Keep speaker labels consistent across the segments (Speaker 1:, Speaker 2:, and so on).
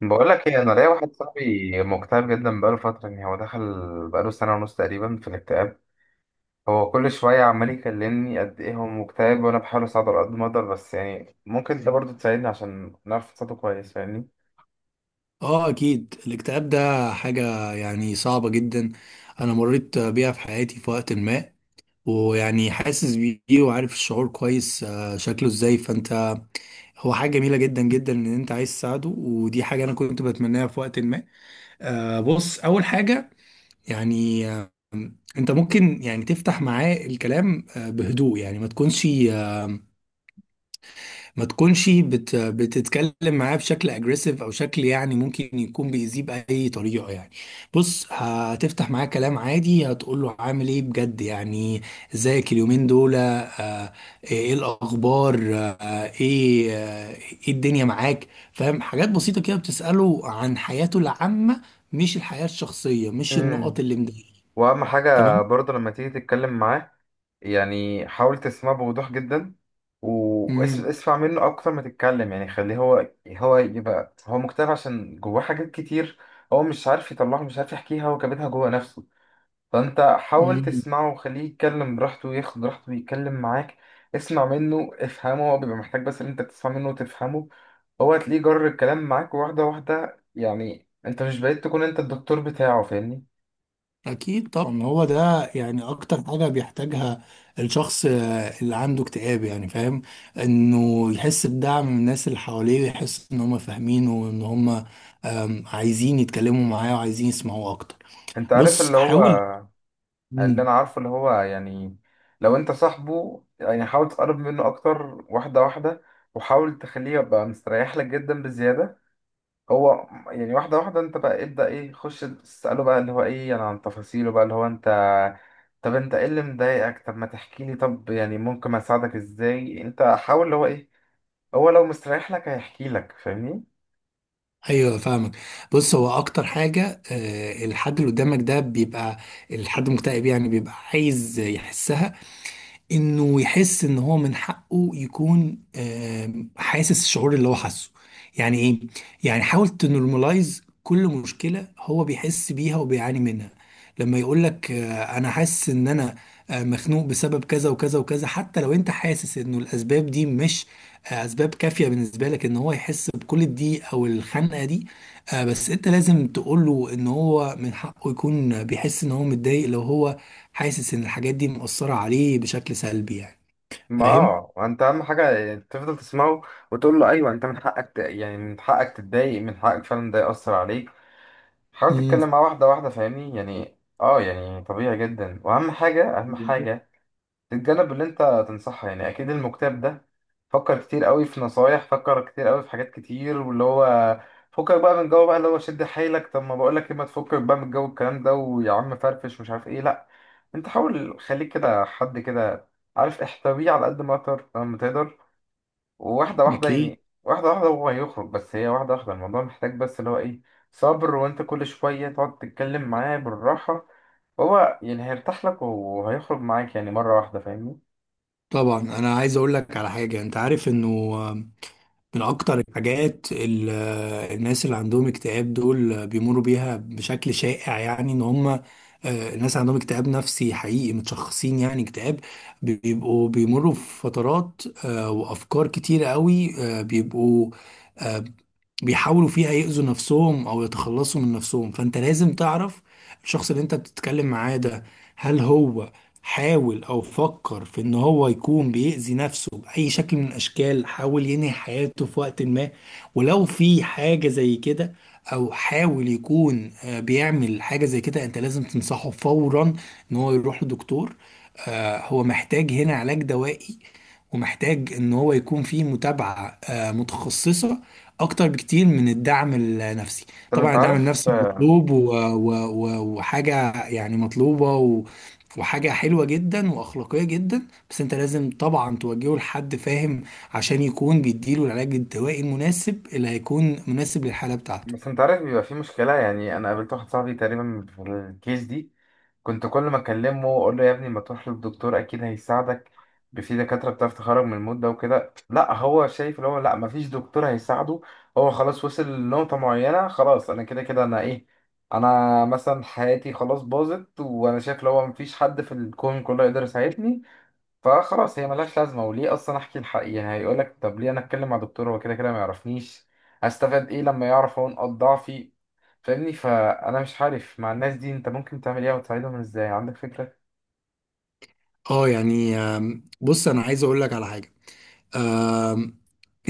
Speaker 1: بقول لك ايه، انا ليا واحد صاحبي مكتئب جدا بقاله فتره، يعني هو دخل بقاله سنه ونص تقريبا في الاكتئاب. هو كل شويه عمال يكلمني قد ايه هو مكتئب، وانا بحاول اساعده على قد ما اقدر، بس يعني ممكن انت برضه تساعدني عشان نعرف نساعده كويس، فاهمني؟
Speaker 2: اه، اكيد الاكتئاب ده حاجة صعبة جدا. انا مريت بيها في حياتي في وقت ما، ويعني حاسس بيه وعارف الشعور كويس. شكله ازاي؟ فانت هو حاجة جميلة جدا جدا ان انت عايز تساعده، ودي حاجة انا كنت بتمناها في وقت ما. بص، اول حاجة يعني آه، انت ممكن تفتح معاه الكلام بهدوء، يعني آه، ما تكونش بتتكلم معاه بشكل اجريسيف او شكل ممكن يكون بيأذيه باي طريقه يعني. بص، هتفتح معاه كلام عادي، هتقول له عامل ايه بجد؟ يعني ازيك اليومين دول؟ ايه الاخبار؟ ايه الدنيا معاك؟ فاهم، حاجات بسيطه كده، بتسأله عن حياته العامه، مش الحياه الشخصيه، مش النقط
Speaker 1: امم
Speaker 2: اللي مضايقاه.
Speaker 1: واهم حاجه
Speaker 2: تمام.
Speaker 1: برضه لما تيجي تتكلم معاه، يعني حاول تسمعه بوضوح جدا، واسمع منه اكتر ما تتكلم. يعني خليه هو يبقى، هو مكتئب عشان جواه حاجات كتير، هو مش عارف يطلعها، مش عارف يحكيها، هو كابتها جوه نفسه. فانت حاول
Speaker 2: امم.
Speaker 1: تسمعه وخليه يتكلم براحته وياخد راحته ويتكلم معاك. اسمع منه، افهمه، هو بيبقى محتاج بس ان انت تسمع منه وتفهمه. هو هتلاقيه جر الكلام معاك واحدة واحدة، يعني انت مش بقيت تكون انت الدكتور بتاعه، فاهمني؟
Speaker 2: أكيد طبعا، هو ده أكتر حاجة بيحتاجها الشخص اللي عنده اكتئاب، يعني فاهم، إنه يحس بدعم من الناس اللي حواليه، ويحس إن هم فاهمينه، وإن هم عايزين يتكلموا معاه وعايزين يسمعوه أكتر.
Speaker 1: انت عارف
Speaker 2: بص،
Speaker 1: اللي هو،
Speaker 2: حاول.
Speaker 1: اللي
Speaker 2: مم.
Speaker 1: انا عارفه اللي هو يعني لو انت صاحبه يعني حاول تقرب منه اكتر، واحدة واحدة، وحاول تخليه يبقى مستريح لك جدا بزيادة. هو يعني واحدة واحدة، انت بقى ابدأ ايه، خش تسأله بقى اللي هو ايه انا عن تفاصيله، بقى اللي هو انت طب انت ايه اللي مضايقك، طب ما تحكي لي، طب يعني ممكن اساعدك ازاي، انت حاول اللي هو ايه، هو لو مستريح لك هيحكي لك، فاهمني؟
Speaker 2: أيوه، فاهمك. بص، هو أكتر حاجة الحد اللي قدامك ده بيبقى، الحد المكتئب يعني، بيبقى عايز يحسها، انه يحس ان هو من حقه يكون حاسس الشعور اللي هو حاسه. يعني ايه؟ يعني حاول تنورماليز كل مشكله هو بيحس بيها وبيعاني منها. لما يقول لك انا حاسس ان انا مخنوق بسبب كذا وكذا وكذا، حتى لو انت حاسس انه الاسباب دي مش اسباب كافيه بالنسبه لك ان هو يحس بكل دي او الخنقه دي، بس انت لازم تقول له ان هو من حقه يكون بيحس ان هو متضايق، لو هو حاسس ان الحاجات دي مؤثرة عليه بشكل سلبي يعني
Speaker 1: ما
Speaker 2: فاهم.
Speaker 1: انت اهم حاجة تفضل تسمعه، وتقول له ايوه انت من حقك يعني من حقك تتضايق، من حقك فعلا ده يأثر عليك. حاول
Speaker 2: امم،
Speaker 1: تتكلم معاه واحدة واحدة فاهمني، يعني يعني طبيعي جدا، واهم حاجة، اهم
Speaker 2: بالظبط.
Speaker 1: حاجة الجانب اللي انت تنصحها، يعني اكيد المكتئب ده فكر كتير قوي في نصايح، فكر كتير قوي في حاجات كتير، واللي هو فكك بقى من جو، بقى اللي هو شد حيلك، طب ما بقول لك ايه، ما تفكك بقى من جو الكلام ده، ويا عم فرفش مش عارف ايه، لا، انت حاول خليك كده، حد كده عارف احتويه على قد ما تقدر وواحده واحده،
Speaker 2: اكيد
Speaker 1: يعني واحده واحده هو هيخرج، بس هي واحده واحده، الموضوع محتاج بس اللي هو ايه، صبر. وانت كل شويه تقعد تتكلم معاه بالراحه، هو يعني هيرتاح لك وهيخرج معاك يعني مره واحده، فاهمني؟
Speaker 2: طبعا، انا عايز اقول لك على حاجة، انت عارف انه من أكتر الحاجات الناس اللي عندهم اكتئاب دول بيمروا بيها بشكل شائع، يعني إن هم الناس عندهم اكتئاب نفسي حقيقي متشخصين، يعني اكتئاب، بيبقوا بيمروا في فترات وأفكار كتيرة قوي، آه، بيبقوا آه، بيحاولوا فيها يأذوا نفسهم أو يتخلصوا من نفسهم. فأنت لازم تعرف الشخص اللي أنت بتتكلم معاه ده، هل هو حاول او فكر في ان هو يكون بيأذي نفسه بأي شكل من الاشكال، حاول ينهي حياته في وقت ما. ولو في حاجة زي كده، او حاول يكون بيعمل حاجة زي كده، انت لازم تنصحه فورا ان هو يروح لدكتور. هو محتاج هنا علاج دوائي، ومحتاج ان هو يكون فيه متابعة متخصصة اكتر بكتير من الدعم النفسي.
Speaker 1: طب
Speaker 2: طبعا
Speaker 1: انت
Speaker 2: الدعم
Speaker 1: عارف
Speaker 2: النفسي مطلوب، وحاجة يعني مطلوبة، وحاجة حلوة جدا وأخلاقية جدا، بس أنت لازم طبعا توجهه لحد فاهم عشان يكون بيديله العلاج الدوائي المناسب اللي هيكون مناسب للحالة بتاعته.
Speaker 1: بس انت عارف بيبقى في مشكلة، يعني انا قابلت واحد صاحبي تقريبا في الكيس دي، كنت كل ما اكلمه اقول له يا ابني ما تروح للدكتور اكيد هيساعدك، في دكاترة بتعرف تخرج من المود ده وكده. لا، هو شايف اللي هو لا، ما فيش دكتور هيساعده، هو خلاص وصل لنقطة معينة، خلاص انا كده كده، انا ايه، انا مثلا حياتي خلاص باظت، وانا شايف اللي هو ما فيش حد في الكون كله يقدر يساعدني، فخلاص هي ملهاش لازمة، وليه أصلا أحكي الحقيقة؟ هيقولك طب ليه أنا أتكلم مع دكتور، هو كده كده ما يعرفنيش، هستفاد إيه لما يعرف هو نقاط ضعفي؟ فاهمني؟ فأنا مش عارف مع الناس دي أنت ممكن تعمل إيه وتساعدهم إزاي، عندك فكرة؟
Speaker 2: اه يعني بص، أنا عايز أقول لك على حاجة. آم،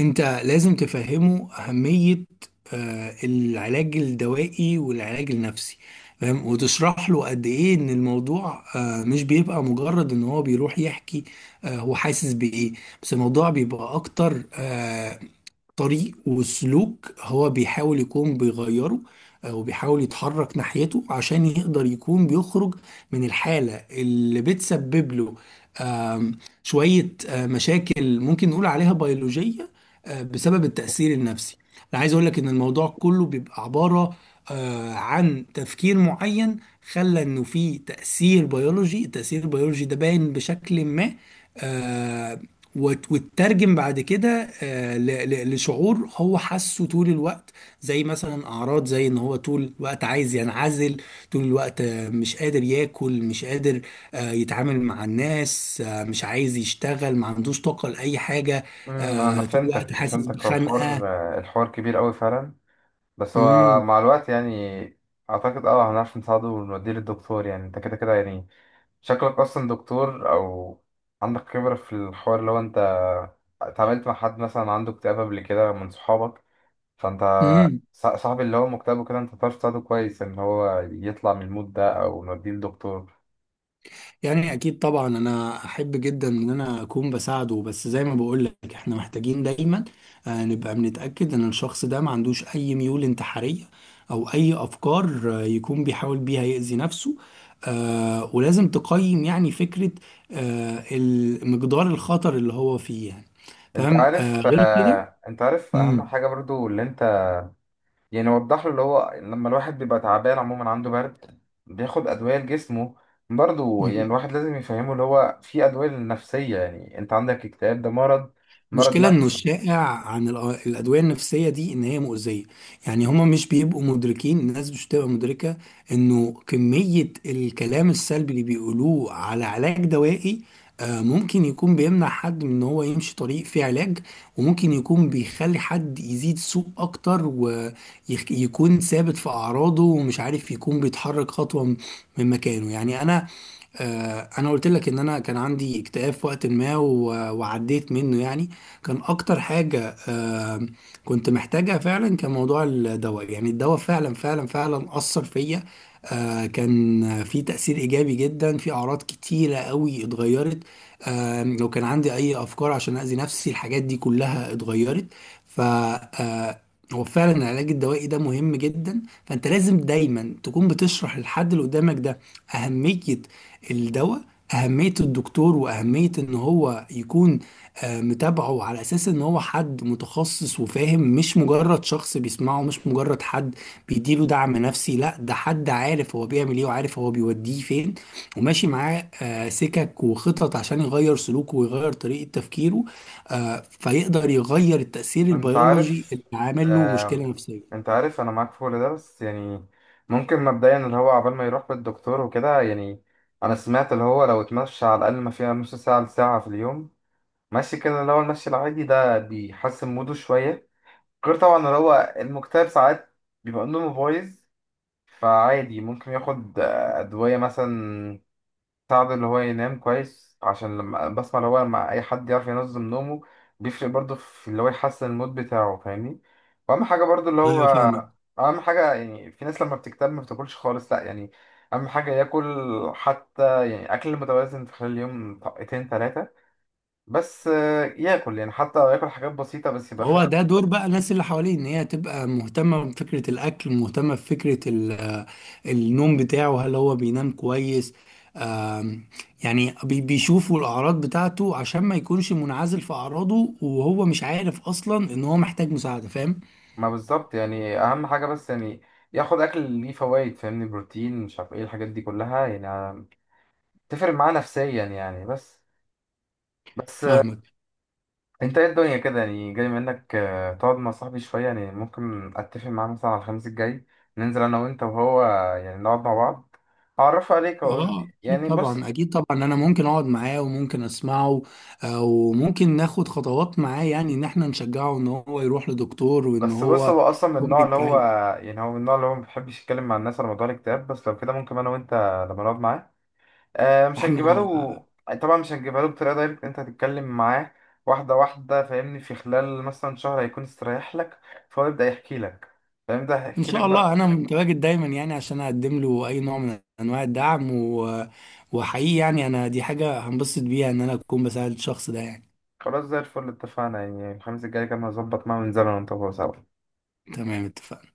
Speaker 2: أنت لازم تفهمه أهمية العلاج الدوائي والعلاج النفسي، فاهم، وتشرح له قد ايه ان الموضوع مش بيبقى مجرد ان هو بيروح يحكي هو حاسس بايه، بس الموضوع بيبقى اكتر طريق وسلوك هو بيحاول يكون بيغيره، او بيحاول يتحرك ناحيته عشان يقدر يكون بيخرج من الحالة اللي بتسبب له شوية مشاكل ممكن نقول عليها بيولوجية بسبب التأثير النفسي. انا عايز اقول لك ان الموضوع كله بيبقى عبارة عن تفكير معين، خلى انه في تأثير بيولوجي. التأثير البيولوجي ده باين بشكل ما، آه، وتترجم بعد كده لشعور هو حاسه طول الوقت، زي مثلا اعراض زي ان هو طول الوقت عايز ينعزل، طول الوقت مش قادر ياكل، مش قادر يتعامل مع الناس، مش عايز يشتغل، ما عندوش طاقة لأي حاجة،
Speaker 1: أنا
Speaker 2: طول الوقت
Speaker 1: فهمتك
Speaker 2: حاسس
Speaker 1: فهمتك، هو
Speaker 2: بخنقة.
Speaker 1: الحوار كبير أوي فعلا، بس هو مع الوقت يعني أعتقد هنعرف نساعده ونوديه للدكتور، يعني أنت كده كده، يعني شكلك أصلا دكتور أو عندك خبرة في الحوار، لو أنت اتعاملت مع حد مثلا عنده اكتئاب قبل كده من صحابك. فانت،
Speaker 2: امم.
Speaker 1: صاحبي اللي هو مكتئب وكده انت تعرف تساعده كويس ان هو يطلع من المود ده او نوديه لدكتور.
Speaker 2: يعني اكيد طبعا، انا احب جدا ان انا اكون بساعده، بس زي ما بقول لك احنا محتاجين دايما نبقى بنتاكد ان الشخص ده ما عندوش اي ميول انتحاريه، او اي افكار يكون بيحاول بيها يأذي نفسه، ولازم تقيم يعني فكره مقدار الخطر اللي هو فيه، يعني
Speaker 1: انت
Speaker 2: فاهم.
Speaker 1: عارف
Speaker 2: غير كده.
Speaker 1: آه، انت عارف اهم
Speaker 2: مم.
Speaker 1: حاجة برضو اللي انت، يعني وضح له اللي هو لما الواحد بيبقى تعبان عموما، عنده برد بياخد ادوية لجسمه، برضو يعني الواحد لازم يفهمه اللي هو في ادوية للنفسية، يعني انت عندك اكتئاب ده مرض، مرض
Speaker 2: المشكلة انه
Speaker 1: نفسي.
Speaker 2: الشائع عن الأدوية النفسية دي ان هي مؤذية، يعني هما مش بيبقوا مدركين، الناس مش بتبقى مدركة انه كمية الكلام السلبي اللي بيقولوه على علاج دوائي ممكن يكون بيمنع حد من ان هو يمشي طريق فيه علاج، وممكن يكون بيخلي حد يزيد سوء اكتر ويكون ثابت في اعراضه ومش عارف يكون بيتحرك خطوة من مكانه. انا قلت لك ان انا كان عندي اكتئاب في وقت ما وعديت منه. يعني كان اكتر حاجة كنت محتاجها فعلا كان موضوع الدواء. يعني الدواء فعلا فعلا فعلا اثر فيا، كان في تأثير ايجابي جدا، في اعراض كتيرة قوي اتغيرت. لو كان عندي اي افكار عشان اذي نفسي، الحاجات دي كلها اتغيرت. ف آه، هو فعلا العلاج الدوائي ده مهم جدا، فانت لازم دايما تكون بتشرح للحد اللي قدامك ده أهمية الدواء، أهمية الدكتور، وأهمية إن هو يكون متابعه على أساس إن هو حد متخصص وفاهم، مش مجرد شخص بيسمعه، مش مجرد حد بيديله دعم نفسي. لا، ده حد عارف هو بيعمل إيه وعارف هو بيوديه فين، وماشي معاه سكك وخطط عشان يغير سلوكه ويغير طريقة تفكيره، فيقدر يغير التأثير
Speaker 1: انت
Speaker 2: البيولوجي
Speaker 1: عارف
Speaker 2: اللي عامل له مشكلة
Speaker 1: آم،
Speaker 2: نفسية.
Speaker 1: انت عارف انا معاك في كل ده، بس يعني ممكن مبدئيا اللي هو عبال ما يروح للدكتور وكده، يعني انا سمعت اللي هو لو اتمشى على الاقل ما فيها نص ساعه لساعه في اليوم، ماشي كده، اللي هو المشي العادي ده بيحسن موده شويه. غير طبعا اللي هو المكتئب ساعات بيبقى نومه بايظ، فعادي ممكن ياخد ادويه مثلا ساعده اللي هو ينام كويس، عشان لما بسمع اللي هو لما أي حد يعرف ينظم نومه بيفرق برضه في اللي هو يحسن المود بتاعه، فاهمني؟ وأهم حاجة برضه اللي هو
Speaker 2: أيوة، فاهمك.
Speaker 1: أهم حاجة، يعني في ناس لما بتكتب ما بتاكلش خالص، لأ يعني أهم حاجة ياكل، حتى يعني أكل متوازن في خلال اليوم، طاقتين تلاتة بس، ياكل يعني حتى لو ياكل حاجات بسيطة بس يبقى
Speaker 2: هو
Speaker 1: فاهم.
Speaker 2: ده دور بقى الناس اللي حواليه، ان هي تبقى مهتمة بفكرة الاكل، مهتمة بفكرة النوم بتاعه، هل هو بينام كويس. آم، يعني بيشوفوا الاعراض بتاعته عشان ما يكونش منعزل في اعراضه وهو مش عارف اصلا ان هو محتاج مساعدة، فاهم.
Speaker 1: ما بالظبط، يعني أهم حاجة بس يعني ياخد أكل ليه فوايد، فاهمني؟ بروتين مش عارف إيه، الحاجات دي كلها يعني تفرق معاه نفسيا يعني، بس
Speaker 2: فاهمك.
Speaker 1: انت ايه الدنيا كده، يعني جاي منك تقعد مع صاحبي شوية، يعني ممكن اتفق معاه مثلا على الخميس الجاي ننزل انا وانت وهو، يعني نقعد مع بعض اعرفه عليك، اقول
Speaker 2: اه اكيد
Speaker 1: يعني بص
Speaker 2: طبعا، اكيد طبعا، انا ممكن اقعد معاه وممكن اسمعه، وممكن ناخد خطوات معاه، يعني ان احنا نشجعه ان هو يروح لدكتور وان
Speaker 1: بس بص
Speaker 2: هو
Speaker 1: هو اصلا من
Speaker 2: يكون
Speaker 1: النوع اللي هو،
Speaker 2: بيتعالج.
Speaker 1: يعني هو من النوع اللي هو ما بيحبش يتكلم مع الناس على موضوع الاكتئاب، بس لو كده ممكن انا وانت لما نقعد معاه مش
Speaker 2: احنا
Speaker 1: هنجيبها له، طبعا مش هنجيبها له بطريقة دايركت، انت هتتكلم معاه واحدة واحدة فاهمني، في خلال مثلا شهر هيكون استريح لك، فهو يبدأ يحكي لك، فاهم؟ ده
Speaker 2: ان
Speaker 1: هيحكي لك
Speaker 2: شاء الله
Speaker 1: بقى.
Speaker 2: انا متواجد دايما يعني عشان اقدم له اي نوع من انواع الدعم، و... وحقيقي يعني انا دي حاجه هنبسط بيها ان انا اكون بساعد الشخص ده يعني.
Speaker 1: خلاص، زي الفل، اتفقنا، يعني الخميس الجاي كان هظبط معاه وننزل انا وانت سوا.
Speaker 2: تمام، اتفقنا.